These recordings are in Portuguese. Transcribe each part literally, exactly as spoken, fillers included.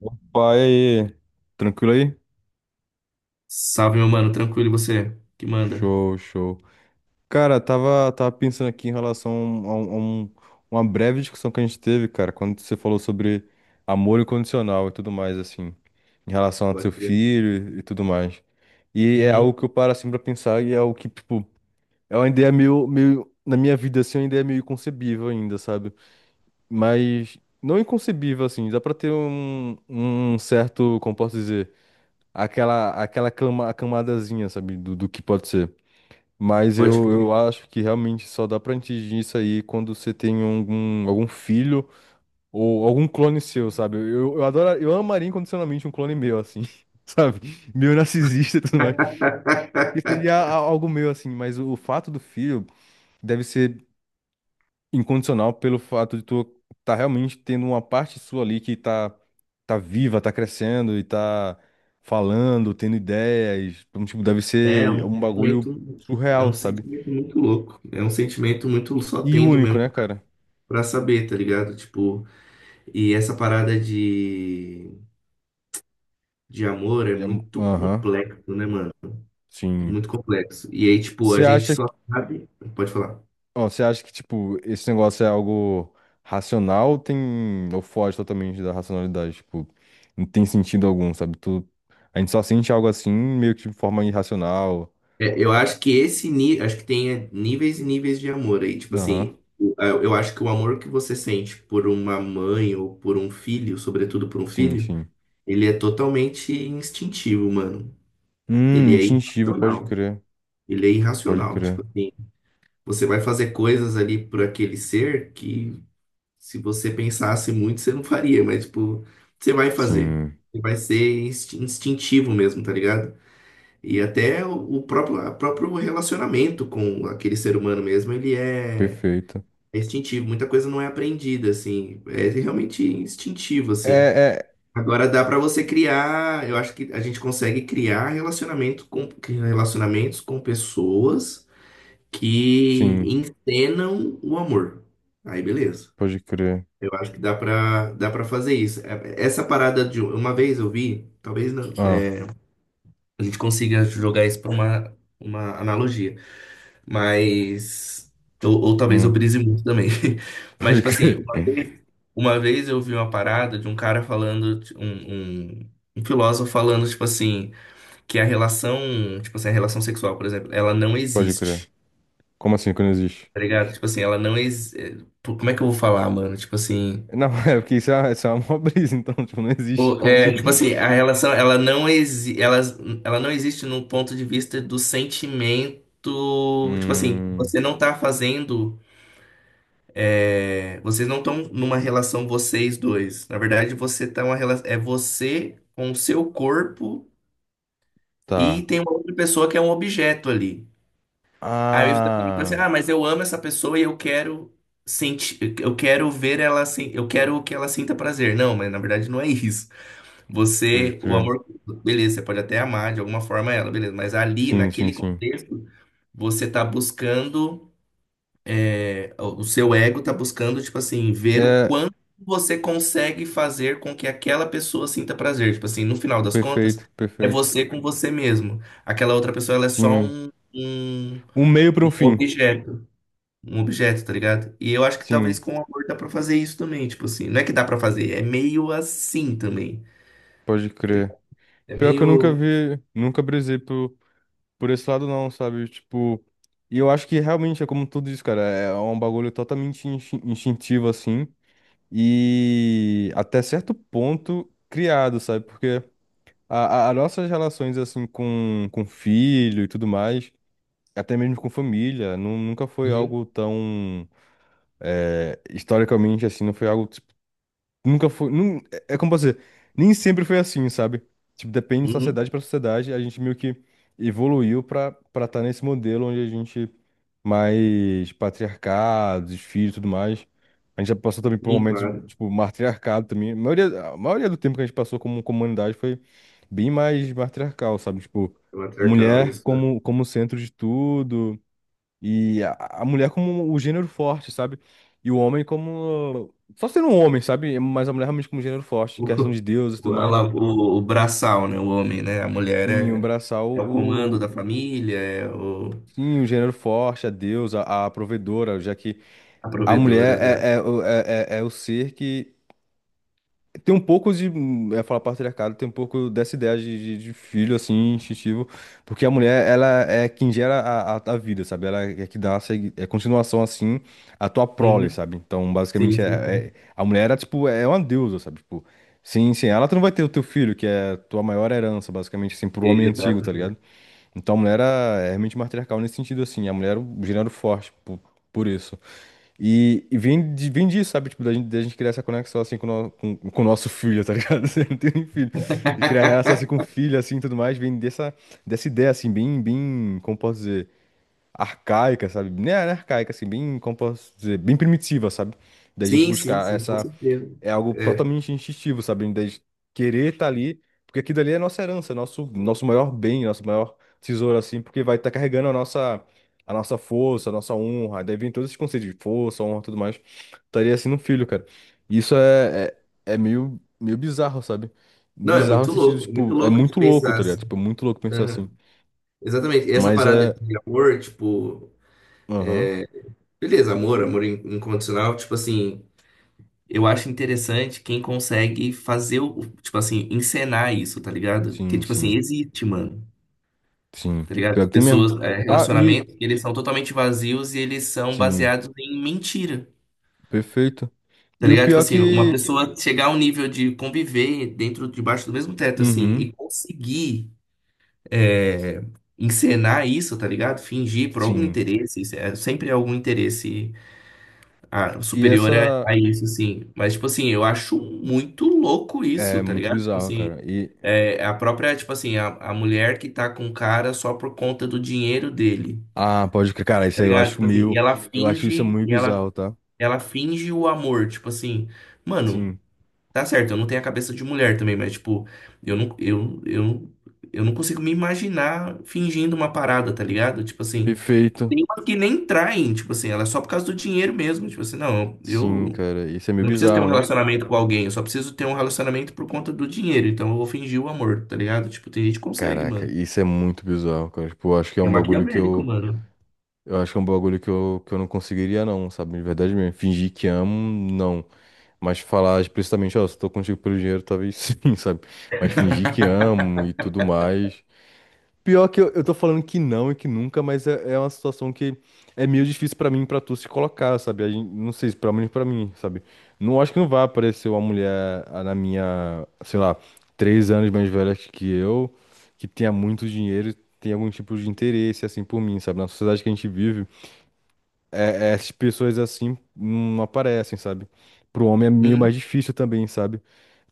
Opa, e aí? Tranquilo aí? Salve, meu mano, tranquilo, e você? Que manda? Show, show. Cara, tava, tava pensando aqui em relação a, um, a um- uma breve discussão que a gente teve, cara, quando você falou sobre amor incondicional e tudo mais, assim, em relação ao Pode seu crer. filho e, e tudo mais. E é algo Uhum, que eu paro, assim, pra pensar e é algo que, tipo, é uma ideia meio, meio, na minha vida, assim, é uma ideia meio inconcebível ainda, sabe? Mas não inconcebível, assim, dá pra ter um, um certo, como posso dizer? aquela aquela cama, a camadazinha, sabe, do, do que pode ser. Mas pode eu, crer. eu acho que realmente só dá pra atingir isso aí quando você tem algum, algum filho ou algum clone seu, sabe? Eu, eu adoro, eu amaria incondicionalmente um clone meu, assim, sabe? Meio narcisista e tudo mais. Que seria a- algo meu, assim, mas o fato do filho deve ser incondicional pelo fato de tu tá realmente tendo uma parte sua ali que tá, tá viva, tá crescendo e tá falando, tendo ideias. Então, tipo, deve É ser um um bagulho sentimento, é surreal, um sabe? sentimento muito louco. É um sentimento muito só E tendo único, mesmo né, cara? pra saber, tá ligado? Tipo, e essa parada de, de amor é Já é. muito Aham, complexo, né, mano? É sim. muito complexo. E aí, tipo, a Você gente acha só que, sabe. Pode falar. ó, você acha que, tipo, esse negócio é algo racional ou tem, ou foge totalmente da racionalidade? Tipo, não tem sentido algum, sabe? Tu, a gente só sente algo assim, meio que de forma irracional. É, eu acho que esse nível, acho que tem níveis e níveis de amor aí. Tipo Aham, assim, o- a- eu acho que o amor que você sente por uma mãe ou por um filho, sobretudo por um sim, filho, sim. ele é totalmente instintivo, mano. Ele Hum, é instintivo, pode irracional. crer. Ele é Pode irracional. Tipo crer. assim, você vai fazer coisas ali por aquele ser que, se você pensasse muito, você não faria, mas tipo, você vai fazer. Sim, Você vai ser insti- instintivo mesmo, tá ligado? E até o o próprio, a próprio relacionamento com aquele ser humano mesmo, ele é perfeito. é instintivo. Muita coisa não é aprendida, assim. É realmente instintivo, assim. É, é. Agora dá para você criar, eu acho que a gente consegue criar relacionamento com, relacionamentos com pessoas que Sim, encenam o amor. Aí, beleza. pode crer. Eu acho que dá para dá para fazer isso. É- Essa parada de uma vez eu vi, talvez não, Ah, é, a gente consiga jogar isso para uma, uma analogia. Mas. Ou, ou talvez eu hum, brise muito também. Mas, pode tipo assim, crer. uma vez, uma vez eu vi uma parada de um cara falando, t- um, um, um filósofo falando, tipo assim, que a relação, tipo assim, a relação sexual, por exemplo, ela não Pode crer. existe. Como assim que não existe? Tá ligado? Tipo assim, ela não existe. Como é que eu vou falar, mano? Tipo assim. Não, é porque isso é, isso é uma mó brisa, então, tipo, não existe. o- Como assim? É, tipo assim, a relação, ela não exi ela, ela não existe no ponto de vista do sentimento. Tipo assim, Hum, você não tá fazendo. É, vocês não estão numa relação, vocês dois. Na verdade, você tá uma relação. É você com o seu corpo, e tá. tem uma outra pessoa que é um objeto ali. Aí você fala pra você, Ah, ah, mas eu amo essa pessoa e eu quero sentir, eu quero ver ela assim, eu quero que ela sinta prazer. Não, mas na verdade não é isso. pode Você, o crer. amor, beleza, você pode até amar de alguma forma ela, beleza, mas ali, Sim, sim, naquele sim. contexto, você tá buscando. É, o seu ego tá buscando, tipo assim, ver o É, quanto você consegue fazer com que aquela pessoa sinta prazer. Tipo assim, no final das contas, perfeito, é perfeito. você com você mesmo. Aquela outra pessoa, ela é só Sim. um, um, Um meio para um um fim. objeto. Um objeto, tá ligado? E eu acho que talvez Sim, com o amor dá pra fazer isso também. Tipo assim, não é que dá pra fazer, é meio assim também, pode tá crer. ligado? É Pior que eu nunca meio. vi, nunca brisei por. Por esse lado, não, sabe? Tipo. E eu acho que realmente é como tudo isso, cara. É um bagulho totalmente instin- instintivo, assim. E até certo ponto criado, sabe? Porque a, a, as nossas relações, assim, com, com filho e tudo mais, até mesmo com família, nu- nunca foi Uhum. algo tão. eh, historicamente, assim, não foi algo. Nunca foi. nun- é é, como posso dizer, nem sempre foi assim, sabe? Tipo, depende de Uhum. sociedade pra sociedade, a gente meio que evoluiu pra para estar nesse modelo onde a gente mais patriarcado, os filhos e tudo mais. A gente já passou também por Sim, momentos, claro. tipo, matriarcado também. A maioria, a maioria do tempo que a gente passou como comunidade foi bem mais matriarcal, sabe? Tipo, É matriarcal, mulher isso. como, como centro de tudo. E a, a mulher como o gênero forte, sabe? E o homem como. Só sendo um homem, sabe? Mas a mulher realmente como gênero forte, em questão O, de Deus e tudo o, a mais. la- o, o braçal, né? O homem, né? A mulher Sim, é, abraçar o. é o comando da o- família, é o, Sim, o gênero forte, a Deus, a, a provedora, já que a a provedora, mulher exato. é, é, o- é, é é o ser que tem um pouco de, hum, é falar patriarcado, tem um pouco dessa ideia de, de, de filho, assim, instintivo, porque a mulher, ela é quem gera a, a, a vida, sabe? Ela é que dá a segui- é continuação, assim, à tua prole, Uhum. sabe? Então, Sim, basicamente, é, sim, é- sim. a mulher, era, tipo, é uma deusa, sabe? Tipo, sem, sem ela, tu não vai ter o teu filho, que é a tua maior herança, basicamente, assim, pro homem antigo, tá Exatamente. ligado? Então, a mulher era, é realmente matriarcal nesse sentido, assim, a mulher era o gênero forte, por, por isso. E, e vem, de- vem disso, sabe? Tipo, da gente, da gente criar essa conexão assim com, o no- com, com o nosso filho, tá ligado? Você não tem nem filho. E criar relação assim com o filho, assim, e tudo mais, vem dessa, dessa, ideia, assim, bem, bem, como posso dizer, arcaica, sabe? Nem arcaica, assim, bem, como posso dizer, bem primitiva, sabe? Da gente Sim, sim, buscar sim, com essa, certeza. é algo É. totalmente instintivo, sabe? Da gente querer estar ali, porque aquilo ali é nossa herança, nosso, nosso maior bem, nosso maior tesouro, assim, porque vai estar carregando a nossa, a nossa força, a nossa honra. Daí vem todos esses conceitos de força, honra e tudo mais. Estaria assim no filho, cara. E isso é, é, é meio, meio bizarro, sabe? Não, é Bizarro no muito sentido, louco, é muito tipo, é louco de muito louco, pensar tá ligado? assim. Tipo, é muito louco pensar assim. Uhum. Exatamente. E essa Mas parada é. de amor, tipo, Aham. beleza, amor, amor in- incondicional, tipo assim, eu acho interessante quem consegue fazer o, tipo assim, encenar isso, tá ligado? Porque, Sim, tipo assim, sim, existe, mano. sim. Tá ligado? Pior que tem mesmo. Pessoas, é, Ah, e. relacionamentos, que eles são totalmente vazios e eles são Sim, baseados em mentira. perfeito. Tá E o ligado? Tipo pior é assim, uma que. pessoa chegar a um nível de conviver dentro, debaixo do mesmo teto, assim, Uhum, e conseguir é, encenar isso, tá ligado? Fingir por algum sim. interesse, isso é sempre algum interesse ah, E superior a, essa a isso, assim. Mas, tipo assim, eu acho muito louco isso, é tá muito ligado? Tipo bizarro, cara. assim, E é, a própria, tipo assim, a, a mulher que tá com o cara só por conta do dinheiro dele. ah, pode crer, cara, isso Tá aí eu ligado? acho Tipo assim, e meio, ela eu acho isso é finge, muito e ela, bizarro, tá? ela finge o amor, tipo assim, mano, Sim. tá certo, eu não tenho a cabeça de mulher também, mas tipo, eu não, eu, eu, eu não consigo me imaginar fingindo uma parada, tá ligado? Tipo assim, Perfeito. tem umas que nem traem, tipo assim, ela é só por causa do dinheiro mesmo, tipo assim, não, Sim, eu cara, isso é meio não preciso ter bizarro, um né? relacionamento com alguém, eu só preciso ter um relacionamento por conta do dinheiro, então eu vou fingir o amor, tá ligado? Tipo, tem gente que consegue, Caraca, mano. isso é muito bizarro, cara. Tipo, eu acho que é É um bagulho que maquiavélico, eu, mano. eu acho que é um bagulho que eu, que eu não conseguiria não, sabe? De verdade mesmo. Fingir que amo, não. Mas falar explicitamente, ó, se tô contigo pelo dinheiro, talvez sim, sabe? Mas fingir que amo e tudo mais. Pior que eu, eu tô falando que não e que nunca, mas é, é uma situação que é meio difícil pra mim, e pra tu se colocar, sabe? A gente- não sei, pelo menos pra mim, sabe? Não acho que não vai aparecer uma mulher ah, na minha, sei lá, três anos mais velha que eu, que tenha muito dinheiro, e tenha algum tipo de interesse assim por mim, sabe? Na sociedade que a gente vive, é, é, essas pessoas assim não aparecem, sabe? Pro homem é meio Uhum. mais difícil também, sabe?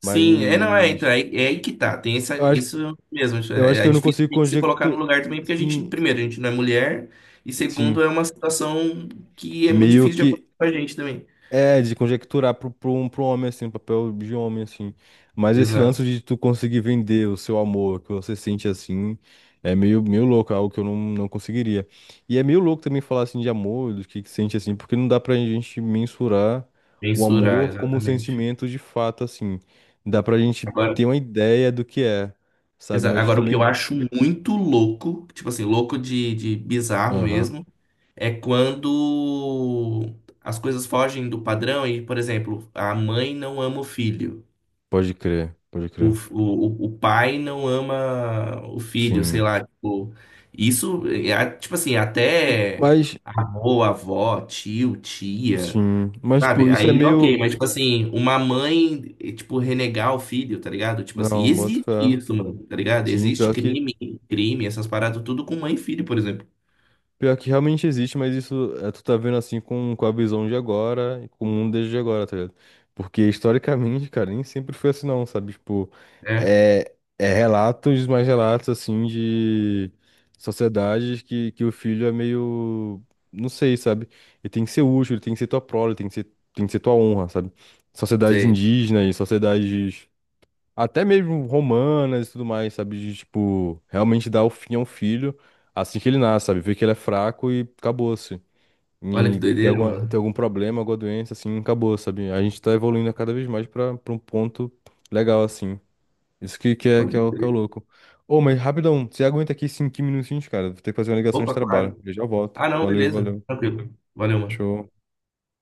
Sim, é, não, é, então, Mas é, é aí que tá, tem essa, eu acho, isso mesmo, isso eu é, acho que é eu não difícil consigo a gente se colocar no conjecturar, lugar também, porque a gente, sim, primeiro, a gente não é mulher, e segundo, é sim. uma situação que é muito meio difícil de que acontecer com a gente também. é de conjecturar pro, pro, um- pro homem, assim, um papel de homem, assim. Mas esse Exato, lance de tu conseguir vender o seu amor, que você sente assim, é meio, meio louco, é algo que eu não, não conseguiria. E é meio louco também falar assim de amor, do que que sente assim, porque não dá pra gente mensurar o mensurar amor como um exatamente. sentimento de fato, assim. Dá pra gente Agora, ter uma ideia do que é, sabe? exa- Mas agora, o que eu também. acho muito louco, tipo assim, louco de, de bizarro Aham, mesmo, é quando as coisas fogem do padrão e, por exemplo, a mãe não ama o filho. pode crer, pode o, crer. o, o pai não ama o filho, sei Sim. lá, tipo, isso, é, tipo assim, até Mas, avô, avó, tio, tia, sim. Mas, sabe? tipo, isso é Aí, ok, meio. mas, tipo assim, uma mãe, eh, tipo, renegar o filho, tá ligado? Tipo assim, Não, boto existe fé. isso, mano, tá ligado? Sim, Existe pior que, crime, crime, essas paradas, tudo com mãe e filho, por exemplo. pior que realmente existe, mas isso é, tu tá vendo assim com, com a visão de agora e com o mundo desde agora, tá ligado? Porque historicamente, cara, nem sempre foi assim não, sabe? Tipo, É, é, é relatos, mais relatos assim de sociedades que, que o filho é meio, não sei, sabe? Ele tem que ser útil, ele tem que ser tua prole, ele tem que ser, tem que ser tua honra, sabe? Sociedades sei. indígenas, sociedades até mesmo romanas e tudo mais, sabe? De, tipo, realmente dar o fim ao filho assim que ele nasce, sabe? Ver que ele é fraco e acabou-se. Olha que E tem doideira, alguma, mano. tem algum problema, alguma doença, assim, acabou, sabe? A gente tá evoluindo cada vez mais pra, pra um ponto legal, assim. Isso que, que, é, que, é, Pode o- que é o crer. louco. Ô, mas rapidão, você aguenta aqui cinco minutinhos, cara? Vou ter que fazer uma ligação de Opa, trabalho. claro. Eu já volto. Ah, não, Valeu, beleza. valeu. Tranquilo. Valeu, mano. Show.